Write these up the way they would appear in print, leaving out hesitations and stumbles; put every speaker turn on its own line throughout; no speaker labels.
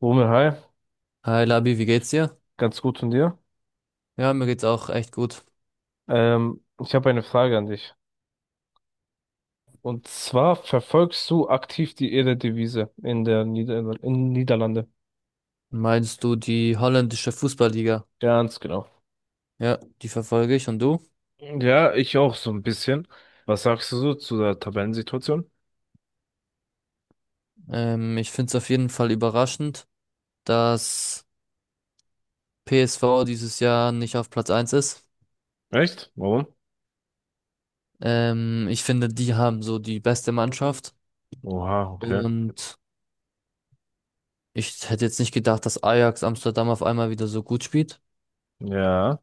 Romeo, hi,
Hi Labi, wie geht's dir?
ganz gut von dir.
Ja, mir geht's auch echt gut.
Ich habe eine Frage an dich. Und zwar verfolgst du aktiv die Eredivisie in der Niederlande?
Meinst du die holländische Fußballliga?
Ganz genau.
Ja, die verfolge ich und du?
Ja, ich auch so ein bisschen. Was sagst du so zu der Tabellensituation?
Ich find's auf jeden Fall überraschend, dass PSV dieses Jahr nicht auf Platz eins ist.
Echt? Warum?
Ich finde, die haben so die beste Mannschaft
Oha, okay.
und ich hätte jetzt nicht gedacht, dass Ajax Amsterdam auf einmal wieder so gut spielt.
Ja,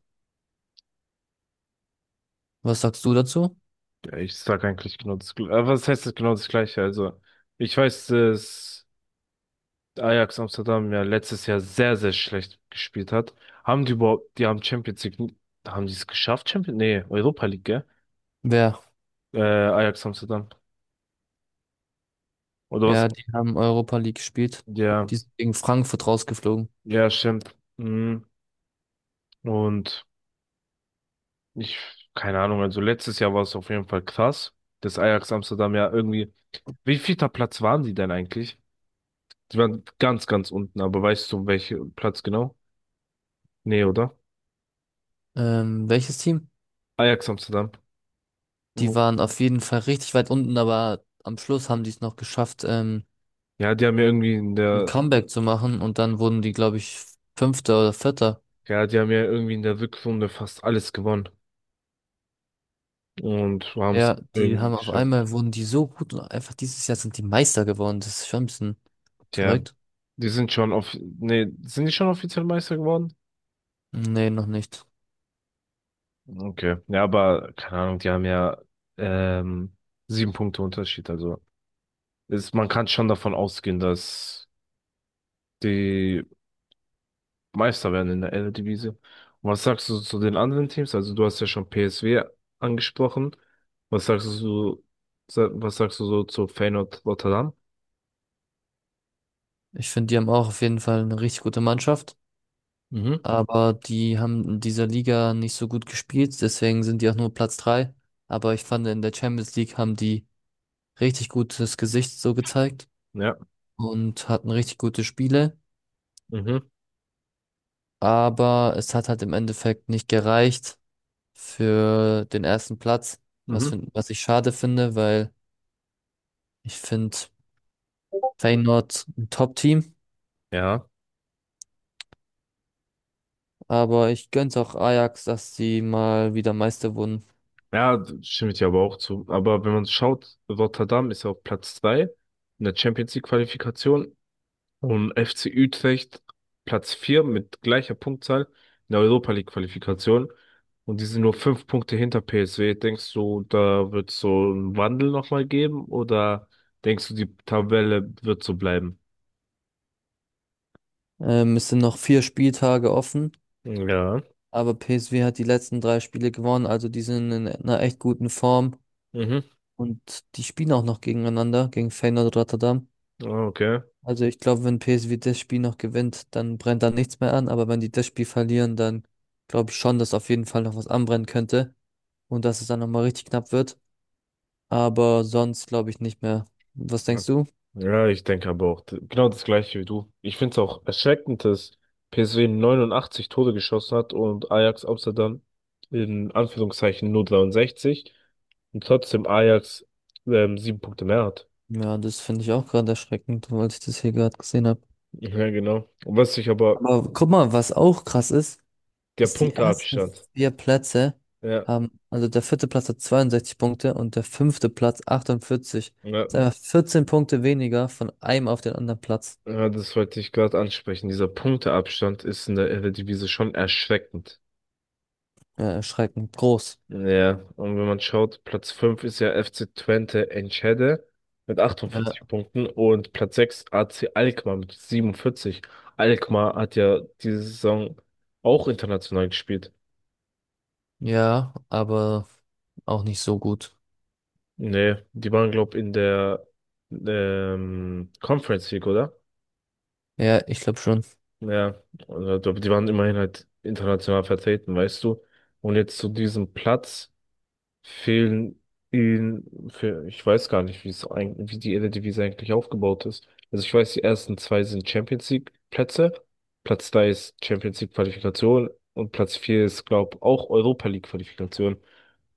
Was sagst du dazu?
ich sag eigentlich genau das Gleiche. Was heißt das genau das Gleiche? Also, ich weiß es. Ajax Amsterdam ja letztes Jahr sehr, sehr schlecht gespielt hat. Haben die überhaupt, die haben Champions League, haben die es geschafft? Champions, nee, Europa League, gell?
Wer?
Ajax Amsterdam. Oder was?
Ja, die haben Europa League gespielt.
Ja,
Die sind gegen Frankfurt rausgeflogen.
ja, stimmt. Mhm. Und ich, keine Ahnung, also letztes Jahr war es auf jeden Fall krass, dass Ajax Amsterdam ja irgendwie, wie vielter Platz waren die denn eigentlich? Die waren ganz, ganz unten, aber weißt du, welcher Platz genau? Nee, oder?
Welches Team?
Ajax Amsterdam.
Die
Wo-
waren auf jeden Fall richtig weit unten, aber am Schluss haben die es noch geschafft,
Ja, die haben ja irgendwie in
ein
der
Comeback zu machen und dann wurden die, glaube ich, Fünfter oder Vierter.
Ja, die haben ja irgendwie in der Rückrunde fast alles gewonnen und haben es
Ja, die
irgendwie
haben auf
geschafft.
einmal wurden die so gut und einfach dieses Jahr sind die Meister geworden. Das ist schon ein bisschen
Tja,
verrückt.
die sind schon sind die schon offiziell Meister geworden?
Nee, noch nicht.
Okay. Ja, aber keine Ahnung, die haben ja ähm, sieben Punkte Unterschied. Also ist, man kann schon davon ausgehen, dass die Meister werden in der Eredivisie. Und was sagst du zu den anderen Teams? Also du hast ja schon PSV angesprochen. Was sagst du, was sagst du so zu Feyenoord Rotterdam?
Ich finde, die haben auch auf jeden Fall eine richtig gute Mannschaft,
Mhm.
aber die haben in dieser Liga nicht so gut gespielt, deswegen sind die auch nur Platz drei. Aber ich fand, in der Champions League haben die richtig gutes Gesicht so gezeigt
Ja.
und hatten richtig gute Spiele.
Mhm.
Aber es hat halt im Endeffekt nicht gereicht für den ersten Platz, was,
Mhm.
find, was ich schade finde, weil ich finde Feyenoord ein Top-Team,
Ja,
aber ich gönn's auch Ajax, dass sie mal wieder Meister wurden.
ja, da stimme ich dir aber auch zu. Aber wenn man schaut, Rotterdam ist ja auf Platz 3 in der Champions League Qualifikation und FC Utrecht Platz 4 mit gleicher Punktzahl in der Europa League Qualifikation. Und die sind nur fünf Punkte hinter PSV. Denkst du, da wird so einen Wandel nochmal geben oder denkst du, die Tabelle wird so bleiben?
Es sind noch vier Spieltage offen,
Ja.
aber PSV hat die letzten drei Spiele gewonnen, also die sind in einer echt guten Form
Mhm.
und die spielen auch noch gegeneinander, gegen Feyenoord Rotterdam.
Ah, okay.
Also ich glaube, wenn PSV das Spiel noch gewinnt, dann brennt da nichts mehr an. Aber wenn die das Spiel verlieren, dann glaube ich schon, dass auf jeden Fall noch was anbrennen könnte und dass es dann nochmal richtig knapp wird. Aber sonst glaube ich nicht mehr. Was denkst du?
Ja, ich denke aber auch genau das gleiche wie du. Ich finde es auch erschreckend, dass PSV 89 Tore geschossen hat und Ajax Amsterdam in Anführungszeichen nur 63 und trotzdem Ajax sieben Punkte mehr hat.
Ja, das finde ich auch gerade erschreckend, weil ich das hier gerade gesehen habe.
Ja, genau. Und was ich aber,
Aber guck mal, was auch krass ist,
der
ist die ersten
Punkteabstand.
vier Plätze
Ja,
haben, also der vierte Platz hat 62 Punkte und der fünfte Platz 48.
ja,
Das ist einfach 14 Punkte weniger von einem auf den anderen Platz.
ja, das wollte ich gerade ansprechen. Dieser Punkteabstand ist in der Eredivisie schon erschreckend.
Ja, erschreckend groß.
Ja, und wenn man schaut, Platz 5 ist ja FC Twente Enschede mit
Äh,
48 Punkten und Platz sechs AC Alkmaar mit 47. Alkmaar hat ja diese Saison auch international gespielt.
ja, aber auch nicht so gut.
Nee, die waren, glaub, in der Conference League, oder?
Ja, ich glaube schon.
Ja, also, die waren immerhin halt international vertreten, weißt du. Und jetzt zu diesem Platz fehlen ihnen für, ich weiß gar nicht, wie es eigentlich, wie die Eredivisie eigentlich aufgebaut ist. Also ich weiß, die ersten zwei sind Champions League Plätze, Platz drei ist Champions League Qualifikation und Platz vier ist, glaube ich, auch Europa League Qualifikation.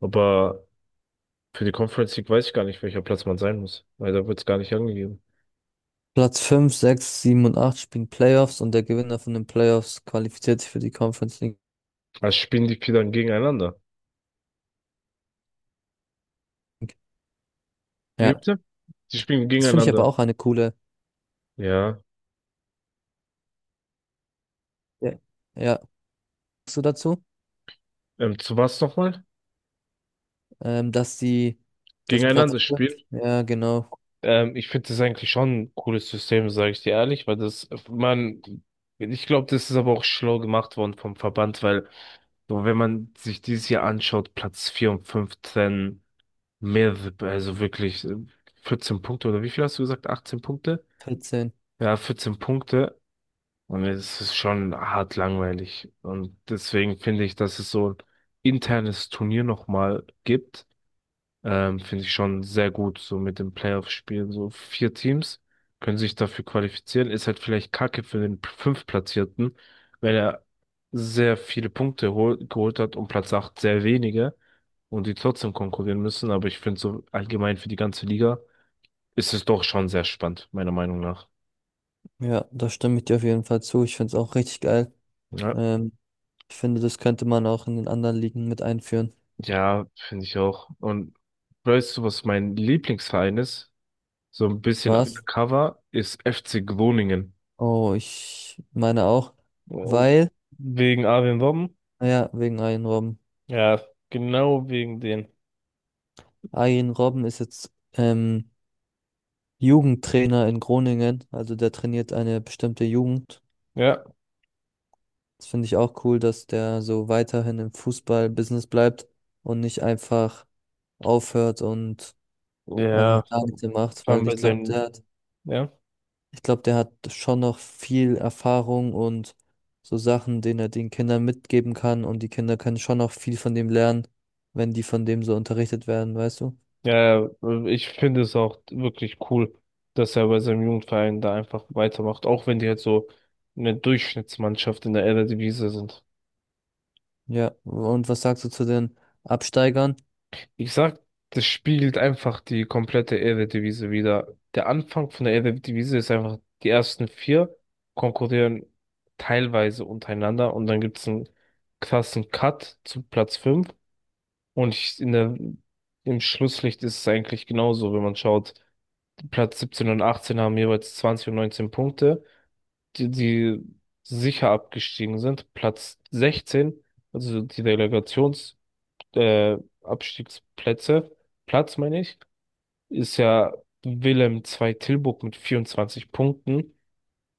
Aber für die Conference League weiß ich gar nicht, welcher Platz man sein muss, weil da wird es gar nicht angegeben.
Platz fünf, sechs, sieben und 8 spielen Playoffs und der Gewinner von den Playoffs qualifiziert sich für die Conference League.
Also spielen die vier dann gegeneinander. Wie
Ja,
bitte? Die spielen
das finde ich aber
gegeneinander.
auch eine coole.
Ja.
Ja. Ja, sagst du dazu?
Zu was nochmal?
Dass die, das Platz
Gegeneinander
5?
spielen?
Ja, genau,
Ich finde das eigentlich schon ein cooles System, sage ich dir ehrlich, weil das, man, ich glaube, das ist aber auch schlau gemacht worden vom Verband, weil so, wenn man sich dieses Jahr anschaut, Platz 4 und 15 mehr, also wirklich 14 Punkte oder wie viel hast du gesagt? 18 Punkte?
14.
Ja, 14 Punkte. Und es ist schon hart langweilig. Und deswegen finde ich, dass es so ein internes Turnier nochmal gibt finde ich schon sehr gut, so mit dem Playoff-Spielen. So vier Teams können sich dafür qualifizieren. Ist halt vielleicht Kacke für den Fünftplatzierten, weil er sehr viele Punkte hol geholt hat und Platz 8 sehr wenige und die trotzdem konkurrieren müssen. Aber ich finde so allgemein für die ganze Liga ist es doch schon sehr spannend, meiner Meinung nach.
Ja, da stimme ich dir auf jeden Fall zu. Ich finde es auch richtig geil.
Ja,
Ähm, ich finde, das könnte man auch in den anderen Ligen mit einführen.
ja, finde ich auch. Und weißt du, was mein Lieblingsverein ist? So ein bisschen
Was?
undercover ist FC Groningen.
Oh, ich meine auch,
Oh,
weil
wegen Arjen Robben?
ah ja, wegen Arjen Robben.
Ja, genau wegen den.
Arjen Robben ist jetzt Jugendtrainer in Groningen, also der trainiert eine bestimmte Jugend.
Ja,
Das finde ich auch cool, dass der so weiterhin im Fußball-Business bleibt und nicht einfach aufhört und einfach
ja,
gar
vor
nichts mehr macht,
allem
weil ich
bei
glaube,
seinem, ja,
ich glaube, der hat schon noch viel Erfahrung und so Sachen, denen er den Kindern mitgeben kann und die Kinder können schon noch viel von dem lernen, wenn die von dem so unterrichtet werden, weißt du?
ja, ich finde es auch wirklich cool, dass er bei seinem Jugendverein da einfach weitermacht, auch wenn die halt so eine Durchschnittsmannschaft in der Eredivisie sind.
Ja, und was sagst du zu den Absteigern?
Ich sag, das spiegelt einfach die komplette Eredivisie wider. Der Anfang von der Eredivisie ist einfach, die ersten vier konkurrieren teilweise untereinander und dann gibt's einen krassen Cut zu Platz fünf. Und ich, in der, im Schlusslicht ist es eigentlich genauso, wenn man schaut, Platz 17 und 18 haben jeweils 20 und 19 Punkte, die, die sicher abgestiegen sind. Platz 16, also die äh, Abstiegsplätze, Platz meine ich, ist ja Willem II Tilburg mit 24 Punkten.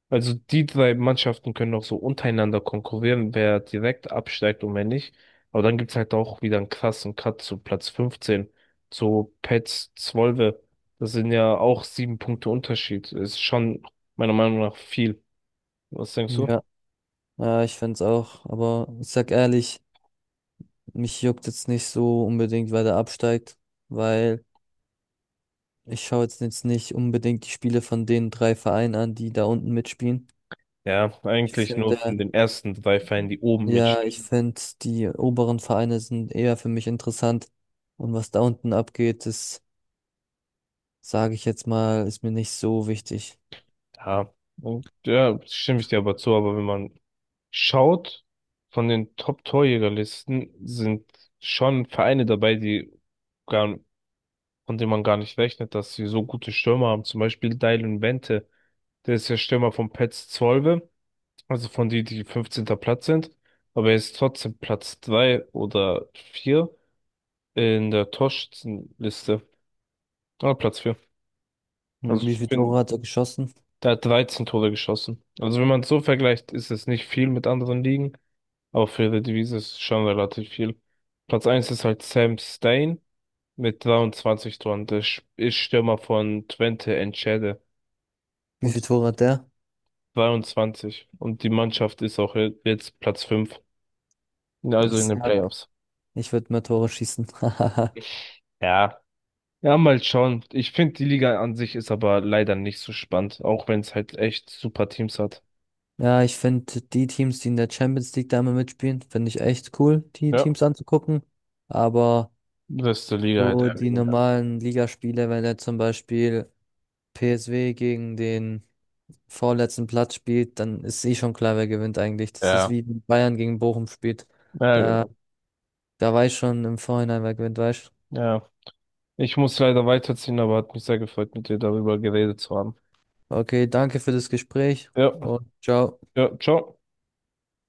Also die drei Mannschaften können auch so untereinander konkurrieren, wer direkt absteigt und wer nicht. Aber dann gibt's halt auch wieder einen krassen Cut zu Platz 15, zu Petz Zwolle. Das sind ja auch sieben Punkte Unterschied. Ist schon meiner Meinung nach viel. Was denkst
Hm.
du?
Ja, ja, ich find's auch, aber ich sag ehrlich, mich juckt jetzt nicht so unbedingt, wer da absteigt, weil ich schaue jetzt nicht unbedingt die Spiele von den drei Vereinen an, die da unten mitspielen.
Ja,
Ich
eigentlich nur
finde,
von den ersten drei Vereinen, die oben mit.
ja, ich finde, die oberen Vereine sind eher für mich interessant und was da unten abgeht, das sage ich jetzt mal, ist mir nicht so wichtig.
Ja, und ja, stimme ich dir aber zu, aber wenn man schaut, von den Top-Torjägerlisten sind schon Vereine dabei, die gar, von denen man gar nicht rechnet, dass sie so gute Stürmer haben. Zum Beispiel Dylan Wente, der ist ja Stürmer von Pets Zwolle, also von die, die 15. Platz sind, aber er ist trotzdem Platz 3 oder 4 in der Torschützenliste. Ah, Platz vier. Also
Hm, wie
ich
viele
finde,
Tore hat er geschossen?
der hat 13 Tore geschossen. Also wenn man es so vergleicht, ist es nicht viel mit anderen Ligen, aber für die Eredivisie ist es schon relativ viel. Platz eins ist halt Sam Stein mit 23 Toren. Der ist Stürmer von Twente Enschede
Wie viele
und
Tore hat der?
22. Und die Mannschaft ist auch jetzt Platz fünf, also
Ich
in den
sag
Playoffs.
Ich würde mehr Tore schießen.
Ja. Ja, mal schauen. Ich finde, die Liga an sich ist aber leider nicht so spannend, auch wenn es halt echt super Teams hat.
Ja, ich finde die Teams, die in der Champions League da immer mitspielen, finde ich echt cool, die
Ja,
Teams anzugucken. Aber
das ist der Liga halt
so
eher
die
weniger.
normalen Ligaspiele, wenn er zum Beispiel PSW gegen den vorletzten Platz spielt, dann ist eh schon klar, wer gewinnt eigentlich. Das ist
Ja.
wie wenn Bayern gegen Bochum spielt.
Ja,
Da, da weiß schon im Vorhinein, wer gewinnt, weißt.
ja, ich muss leider weiterziehen, aber hat mich sehr gefreut, mit dir darüber geredet zu haben.
Okay, danke für das Gespräch
Ja,
und ciao.
ja, ciao.